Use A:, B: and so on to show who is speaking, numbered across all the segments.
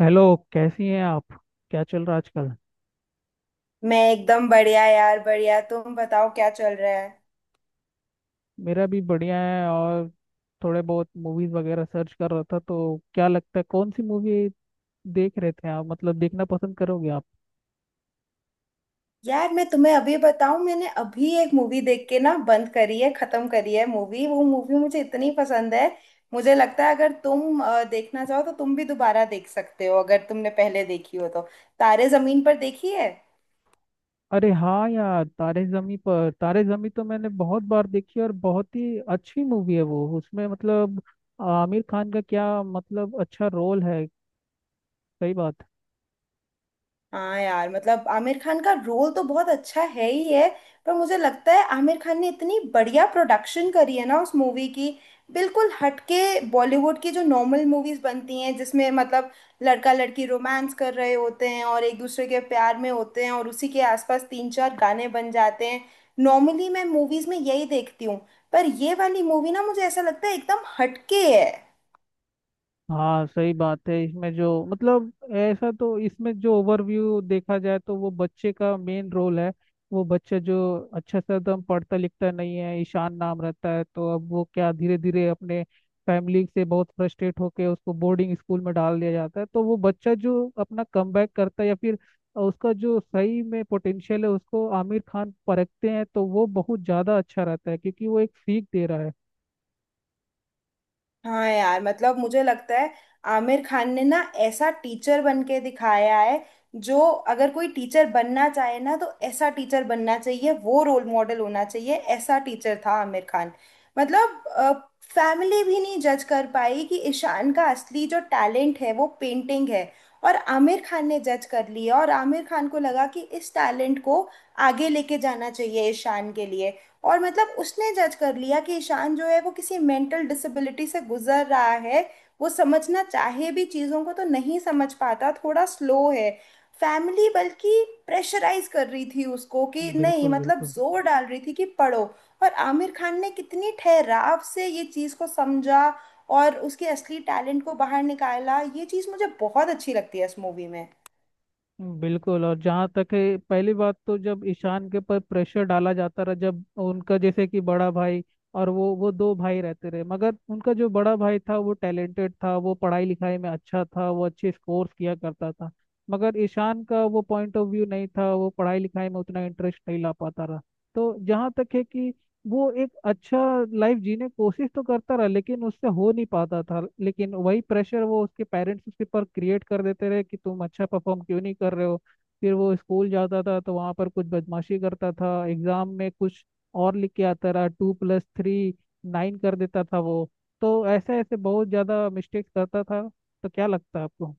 A: Hello. कैसी हैं आप? क्या चल रहा है आजकल?
B: मैं एकदम बढ़िया यार, बढ़िया। तुम बताओ क्या चल रहा है।
A: मेरा भी बढ़िया है। और थोड़े बहुत मूवीज वगैरह सर्च कर रहा था, तो क्या लगता है कौन सी मूवी देख रहे थे आप, मतलब देखना पसंद करोगे आप?
B: यार मैं तुम्हें अभी बताऊं, मैंने अभी एक मूवी देख के ना बंद करी है, खत्म करी है मूवी। वो मूवी मुझे इतनी पसंद है, मुझे लगता है अगर तुम देखना चाहो तो तुम भी दोबारा देख सकते हो अगर तुमने पहले देखी हो तो। तारे जमीन पर देखी है?
A: अरे हाँ यार, तारे जमी पर। तारे जमी तो मैंने बहुत बार देखी और बहुत ही अच्छी मूवी है वो। उसमें मतलब आमिर खान का क्या मतलब अच्छा रोल है। सही बात।
B: हाँ यार, मतलब आमिर खान का रोल तो बहुत अच्छा है ही है। पर मुझे लगता है आमिर खान ने इतनी बढ़िया प्रोडक्शन करी है ना उस मूवी की, बिल्कुल हटके। बॉलीवुड की जो नॉर्मल मूवीज बनती हैं जिसमें मतलब लड़का लड़की रोमांस कर रहे होते हैं और एक दूसरे के प्यार में होते हैं और उसी के आसपास तीन चार गाने बन जाते हैं, नॉर्मली मैं मूवीज में यही देखती हूँ। पर ये वाली मूवी ना मुझे ऐसा लगता है एकदम हटके है।
A: हाँ सही बात है। इसमें जो मतलब ऐसा तो इसमें जो ओवरव्यू देखा जाए तो वो बच्चे का मेन रोल है। वो बच्चा जो अच्छा से एकदम पढ़ता लिखता नहीं है, ईशान नाम रहता है, तो अब वो क्या धीरे धीरे अपने फैमिली से बहुत फ्रस्ट्रेट होके उसको बोर्डिंग स्कूल में डाल दिया जाता है। तो वो बच्चा जो अपना कमबैक करता है या फिर उसका जो सही में पोटेंशियल है उसको आमिर खान परखते हैं, तो वो बहुत ज़्यादा अच्छा रहता है क्योंकि वो एक सीख दे रहा है।
B: हाँ यार, मतलब मुझे लगता है आमिर खान ने ना ऐसा टीचर बन के दिखाया है जो, अगर कोई टीचर बनना चाहे ना तो ऐसा टीचर बनना चाहिए। वो रोल मॉडल होना चाहिए, ऐसा टीचर था आमिर खान। मतलब फैमिली भी नहीं जज कर पाई कि ईशान का असली जो टैलेंट है वो पेंटिंग है, और आमिर खान ने जज कर लिया। और आमिर खान को लगा कि इस टैलेंट को आगे लेके जाना चाहिए ईशान के लिए। और मतलब उसने जज कर लिया कि ईशान जो है वो किसी मेंटल डिसेबिलिटी से गुजर रहा है, वो समझना चाहे भी चीज़ों को तो नहीं समझ पाता, थोड़ा स्लो है। फैमिली बल्कि प्रेशराइज कर रही थी उसको कि नहीं,
A: बिल्कुल
B: मतलब
A: बिल्कुल।
B: जोर डाल रही थी कि पढ़ो। और आमिर खान ने कितनी ठहराव से ये चीज़ को समझा और उसके असली टैलेंट को बाहर निकाला। ये चीज़ मुझे बहुत अच्छी लगती है इस मूवी में।
A: बिल्कुल। और जहाँ तक है, पहली बात तो जब ईशान के ऊपर प्रेशर डाला जाता रहा, जब उनका जैसे कि बड़ा भाई, और वो दो भाई रहते रहे, मगर उनका जो बड़ा भाई था वो टैलेंटेड था, वो पढ़ाई लिखाई में अच्छा था, वो अच्छे स्कोर्स किया करता था। मगर ईशान का वो पॉइंट ऑफ व्यू नहीं था, वो पढ़ाई लिखाई में उतना इंटरेस्ट नहीं ला पाता रहा। तो जहाँ तक है कि वो एक अच्छा लाइफ जीने की कोशिश तो करता रहा, लेकिन उससे हो नहीं पाता था। लेकिन वही प्रेशर वो उसके पेरेंट्स उसके पर क्रिएट कर देते रहे कि तुम अच्छा परफॉर्म क्यों नहीं कर रहे हो। फिर वो स्कूल जाता था तो वहाँ पर कुछ बदमाशी करता था, एग्जाम में कुछ और लिख के आता रहा। टू प्लस थ्री नाइन कर देता था वो। तो ऐसे ऐसे बहुत ज़्यादा मिस्टेक्स करता था। तो क्या लगता है आपको?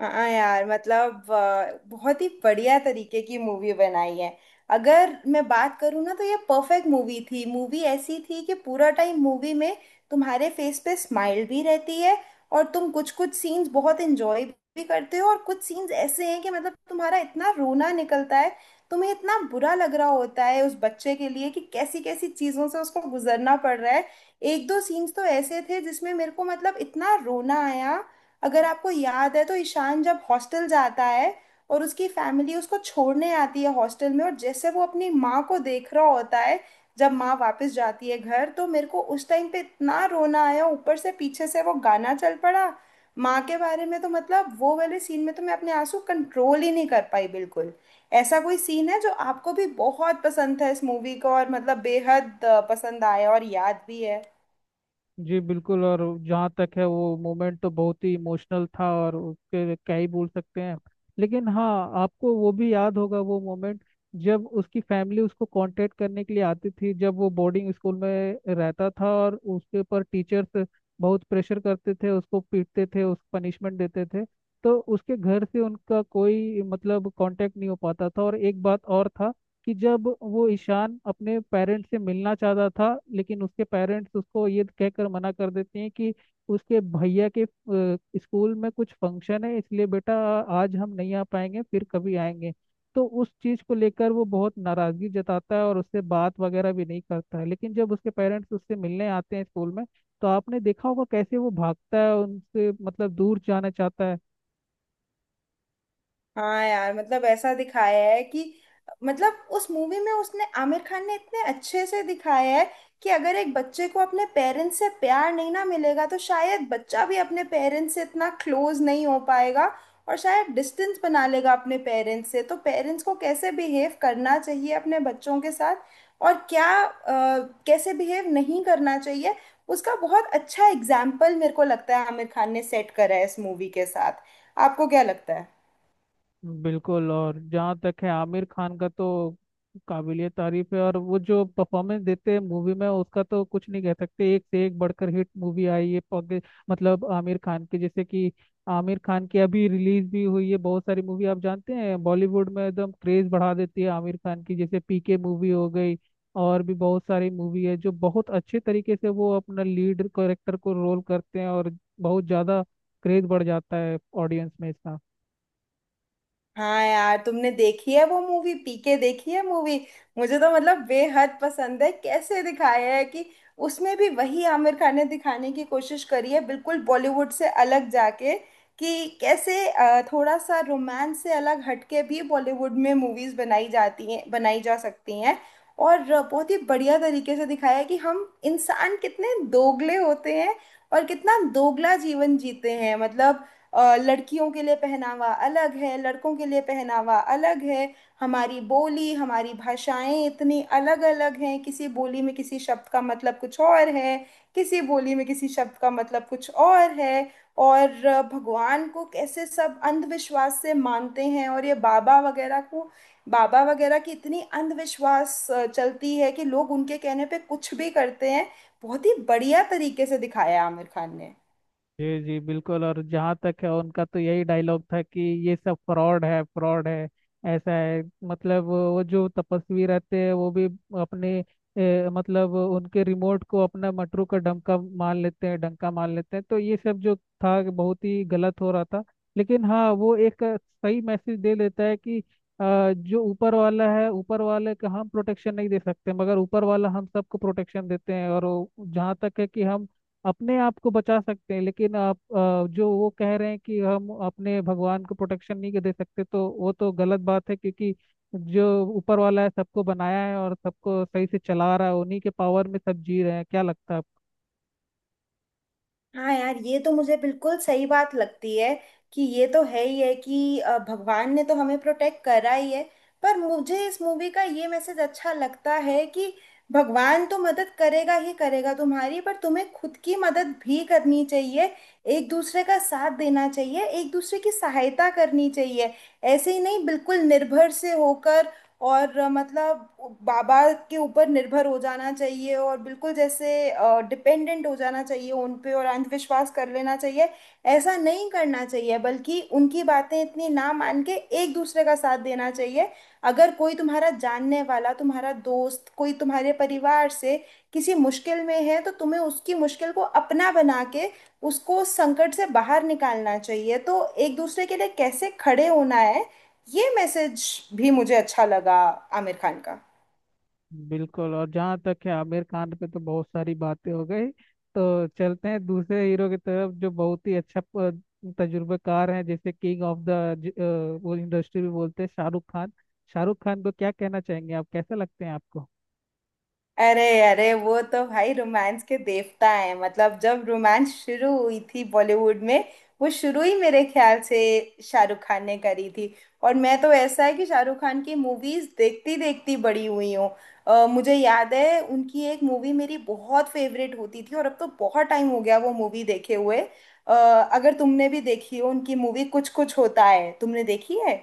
B: हाँ हाँ यार, मतलब बहुत ही बढ़िया तरीके की मूवी बनाई है। अगर मैं बात करूँ ना तो ये परफेक्ट मूवी थी। मूवी ऐसी थी कि पूरा टाइम मूवी में तुम्हारे फेस पे स्माइल भी रहती है, और तुम कुछ कुछ सीन्स बहुत इंजॉय भी करते हो, और कुछ सीन्स ऐसे हैं कि मतलब तुम्हारा इतना रोना निकलता है, तुम्हें इतना बुरा लग रहा होता है उस बच्चे के लिए कि कैसी कैसी चीज़ों से उसको गुजरना पड़ रहा है। एक दो सीन्स तो ऐसे थे जिसमें मेरे को मतलब इतना रोना आया। अगर आपको याद है तो ईशान जब हॉस्टल जाता है और उसकी फैमिली उसको छोड़ने आती है हॉस्टल में, और जैसे वो अपनी माँ को देख रहा होता है जब माँ वापस जाती है घर, तो मेरे को उस टाइम पे इतना रोना आया। ऊपर से पीछे से वो गाना चल पड़ा माँ के बारे में, तो मतलब वो वाले सीन में तो मैं अपने आंसू कंट्रोल ही नहीं कर पाई बिल्कुल। ऐसा कोई सीन है जो आपको भी बहुत पसंद था इस मूवी का और मतलब बेहद पसंद आया और याद भी है?
A: जी बिल्कुल। और जहाँ तक है वो मोमेंट तो बहुत ही इमोशनल था और उसके क्या ही बोल सकते हैं। लेकिन हाँ, आपको वो भी याद होगा वो मोमेंट जब उसकी फैमिली उसको कांटेक्ट करने के लिए आती थी, जब वो बोर्डिंग स्कूल में रहता था और उसके ऊपर टीचर्स बहुत प्रेशर करते थे, उसको पीटते थे, उसको पनिशमेंट देते थे। तो उसके घर से उनका कोई मतलब कांटेक्ट नहीं हो पाता था। और एक बात और था कि जब वो ईशान अपने पेरेंट्स से मिलना चाहता था, लेकिन उसके पेरेंट्स उसको ये कहकर मना कर देते हैं कि उसके भैया के स्कूल में कुछ फंक्शन है, इसलिए बेटा आज हम नहीं आ पाएंगे, फिर कभी आएंगे। तो उस चीज़ को लेकर वो बहुत नाराज़गी जताता है और उससे बात वगैरह भी नहीं करता है। लेकिन जब उसके पेरेंट्स उससे मिलने आते हैं स्कूल में, तो आपने देखा होगा कैसे वो भागता है उनसे, मतलब दूर जाना चाहता है।
B: हाँ यार, मतलब ऐसा दिखाया है कि, मतलब उस मूवी में उसने आमिर खान ने इतने अच्छे से दिखाया है कि अगर एक बच्चे को अपने पेरेंट्स से प्यार नहीं ना मिलेगा तो शायद बच्चा भी अपने पेरेंट्स से इतना क्लोज नहीं हो पाएगा, और शायद डिस्टेंस बना लेगा अपने पेरेंट्स से। तो पेरेंट्स को कैसे बिहेव करना चाहिए अपने बच्चों के साथ और क्या कैसे बिहेव नहीं करना चाहिए, उसका बहुत अच्छा एग्जाम्पल मेरे को लगता है आमिर खान ने सेट करा है इस मूवी के साथ। आपको क्या लगता है?
A: बिल्कुल। और जहाँ तक है आमिर खान का, तो काबिलियत तारीफ है और वो जो परफॉर्मेंस देते हैं मूवी में उसका तो कुछ नहीं कह सकते। एक से एक बढ़कर हिट मूवी आई है। मतलब आमिर खान की जैसे कि, आमिर खान की अभी रिलीज भी हुई है बहुत सारी मूवी, आप जानते हैं, बॉलीवुड में एकदम क्रेज बढ़ा देती है आमिर खान की। जैसे पीके मूवी हो गई, और भी बहुत सारी मूवी है जो बहुत अच्छे तरीके से वो अपना लीड कैरेक्टर को रोल करते हैं, और बहुत ज़्यादा क्रेज बढ़ जाता है ऑडियंस में इसका।
B: हाँ यार, तुमने देखी है वो मूवी पीके? देखी है मूवी? मुझे तो मतलब बेहद पसंद है। कैसे दिखाया है कि उसमें भी वही आमिर खान ने दिखाने की कोशिश करी है, बिल्कुल बॉलीवुड से अलग जाके, कि कैसे थोड़ा सा रोमांस से अलग हटके भी बॉलीवुड में मूवीज बनाई जाती हैं, बनाई जा सकती हैं। और बहुत ही बढ़िया तरीके से दिखाया है कि हम इंसान कितने दोगले होते हैं और कितना दोगला जीवन जीते हैं। मतलब लड़कियों के लिए पहनावा अलग है, लड़कों के लिए पहनावा अलग है। हमारी बोली हमारी भाषाएं इतनी अलग अलग हैं, किसी बोली में किसी शब्द का मतलब कुछ और है, किसी बोली में किसी शब्द का मतलब कुछ और है। और भगवान को कैसे सब अंधविश्वास से मानते हैं, और ये बाबा वगैरह को, बाबा वगैरह की इतनी अंधविश्वास चलती है कि लोग उनके कहने पे कुछ भी करते हैं। बहुत ही बढ़िया तरीके से दिखाया है आमिर खान ने।
A: जी जी बिल्कुल। और जहाँ तक है, उनका तो यही डायलॉग था कि ये सब फ्रॉड है, फ्रॉड है। ऐसा है मतलब वो जो तपस्वी रहते हैं वो भी अपने मतलब उनके रिमोट को अपना मटरू का डंका मान लेते हैं, डंका मान लेते हैं। तो ये सब जो था बहुत ही गलत हो रहा था। लेकिन हाँ, वो एक सही मैसेज दे देता है कि जो ऊपर वाला है, ऊपर वाले का हम प्रोटेक्शन नहीं दे सकते, मगर ऊपर वाला हम सबको प्रोटेक्शन देते हैं। और जहाँ तक है कि हम अपने आप को बचा सकते हैं, लेकिन आप जो वो कह रहे हैं कि हम अपने भगवान को प्रोटेक्शन नहीं दे सकते, तो वो तो गलत बात है क्योंकि जो ऊपर वाला है सबको बनाया है और सबको सही से चला रहा है, उन्हीं के पावर में सब जी रहे हैं। क्या लगता है आपको?
B: हाँ यार, ये तो मुझे बिल्कुल सही बात लगती है कि ये तो है ही है कि भगवान ने तो हमें प्रोटेक्ट करा ही है। पर मुझे इस मूवी का ये मैसेज अच्छा लगता है कि भगवान तो मदद करेगा ही करेगा तुम्हारी, पर तुम्हें खुद की मदद भी करनी चाहिए। एक दूसरे का साथ देना चाहिए, एक दूसरे की सहायता करनी चाहिए। ऐसे ही नहीं बिल्कुल निर्भर से होकर, और मतलब बाबा के ऊपर निर्भर हो जाना चाहिए और बिल्कुल जैसे डिपेंडेंट हो जाना चाहिए उन पे और अंधविश्वास कर लेना चाहिए, ऐसा नहीं करना चाहिए। बल्कि उनकी बातें इतनी ना मान के एक दूसरे का साथ देना चाहिए। अगर कोई तुम्हारा जानने वाला, तुम्हारा दोस्त, कोई तुम्हारे परिवार से किसी मुश्किल में है, तो तुम्हें उसकी मुश्किल को अपना बना के उसको उस संकट से बाहर निकालना चाहिए। तो एक दूसरे के लिए कैसे खड़े होना है, ये मैसेज भी मुझे अच्छा लगा आमिर खान का।
A: बिल्कुल। और जहाँ तक है आमिर खान पे तो बहुत सारी बातें हो गई। तो चलते हैं दूसरे हीरो की तरफ जो बहुत ही अच्छा तजुर्बेकार है, जैसे किंग ऑफ द वो इंडस्ट्री भी बोलते हैं, शाहरुख खान। शाहरुख खान को क्या कहना चाहेंगे आप? कैसे लगते हैं आपको?
B: अरे अरे, वो तो भाई रोमांस के देवता है। मतलब जब रोमांस शुरू हुई थी बॉलीवुड में, वो शुरू ही मेरे ख्याल से शाहरुख खान ने करी थी। और मैं तो, ऐसा है कि शाहरुख खान की मूवीज देखती देखती बड़ी हुई हूँ। मुझे याद है उनकी एक मूवी मेरी बहुत फेवरेट होती थी, और अब तो बहुत टाइम हो गया वो मूवी देखे हुए। अगर तुमने भी देखी हो उनकी मूवी कुछ कुछ होता है, तुमने देखी है?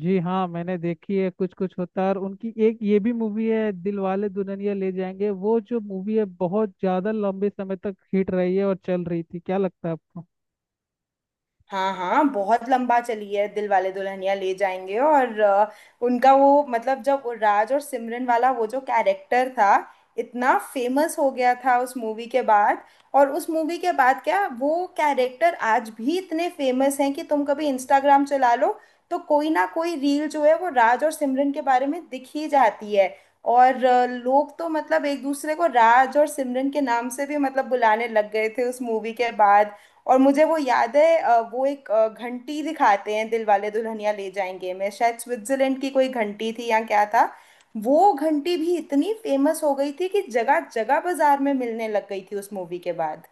A: जी हाँ, मैंने देखी है कुछ कुछ होता है। और उनकी एक ये भी मूवी है दिलवाले दुल्हनिया ले जाएंगे, वो जो मूवी है बहुत ज्यादा लंबे समय तक हिट रही है और चल रही थी। क्या लगता है आपको?
B: हाँ हाँ, बहुत लंबा चली है दिल वाले दुल्हनिया ले जाएंगे। और उनका वो, मतलब जब वो राज और सिमरन वाला वो जो कैरेक्टर था, इतना फेमस हो गया था उस मूवी के बाद। और उस मूवी के बाद क्या, वो कैरेक्टर आज भी इतने फेमस हैं कि तुम कभी इंस्टाग्राम चला लो तो कोई ना कोई रील जो है वो राज और सिमरन के बारे में दिख ही जाती है। और लोग तो मतलब एक दूसरे को राज और सिमरन के नाम से भी मतलब बुलाने लग गए थे उस मूवी के बाद। और मुझे वो याद है वो एक घंटी दिखाते हैं दिल वाले दुल्हनिया ले जाएंगे में, शायद स्विट्जरलैंड की कोई घंटी थी या क्या था। वो घंटी भी इतनी फेमस हो गई थी कि जगह जगह बाजार में मिलने लग गई थी उस मूवी के बाद।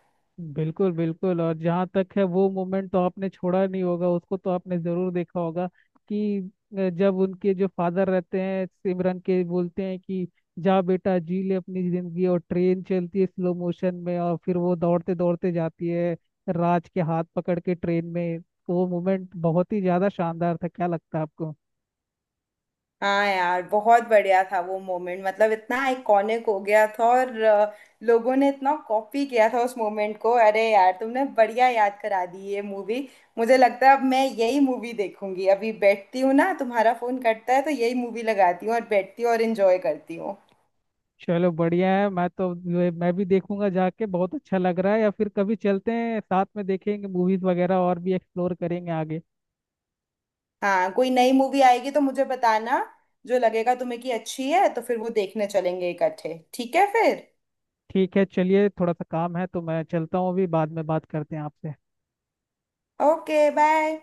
A: बिल्कुल बिल्कुल। और जहाँ तक है वो मोमेंट तो आपने छोड़ा नहीं होगा उसको, तो आपने जरूर देखा होगा कि जब उनके जो फादर रहते हैं सिमरन के, बोलते हैं कि जा बेटा जी ले अपनी जिंदगी, और ट्रेन चलती है स्लो मोशन में और फिर वो दौड़ते दौड़ते जाती है राज के हाथ पकड़ के ट्रेन में, तो वो मोमेंट बहुत ही ज्यादा शानदार था। क्या लगता है आपको?
B: हाँ यार, बहुत बढ़िया था वो मोमेंट। मतलब इतना आइकॉनिक हो गया था, और लोगों ने इतना कॉपी किया था उस मोमेंट को। अरे यार, तुमने बढ़िया याद करा दी ये मूवी। मुझे लगता है अब मैं यही मूवी देखूंगी। अभी बैठती हूँ ना, तुम्हारा फोन कटता है तो यही मूवी लगाती हूँ और बैठती हूँ और एंजॉय करती हूँ।
A: चलो बढ़िया है। मैं तो, मैं भी देखूंगा जाके, बहुत अच्छा लग रहा है। या फिर कभी चलते हैं साथ में, देखेंगे मूवीज वगैरह और भी, एक्सप्लोर करेंगे आगे।
B: हाँ, कोई नई मूवी आएगी तो मुझे बताना। जो लगेगा तुम्हें कि अच्छी है तो फिर वो देखने चलेंगे इकट्ठे, ठीक है फिर।
A: ठीक है चलिए, थोड़ा सा काम है तो मैं चलता हूँ अभी, बाद में बात करते हैं आपसे।
B: Okay, bye.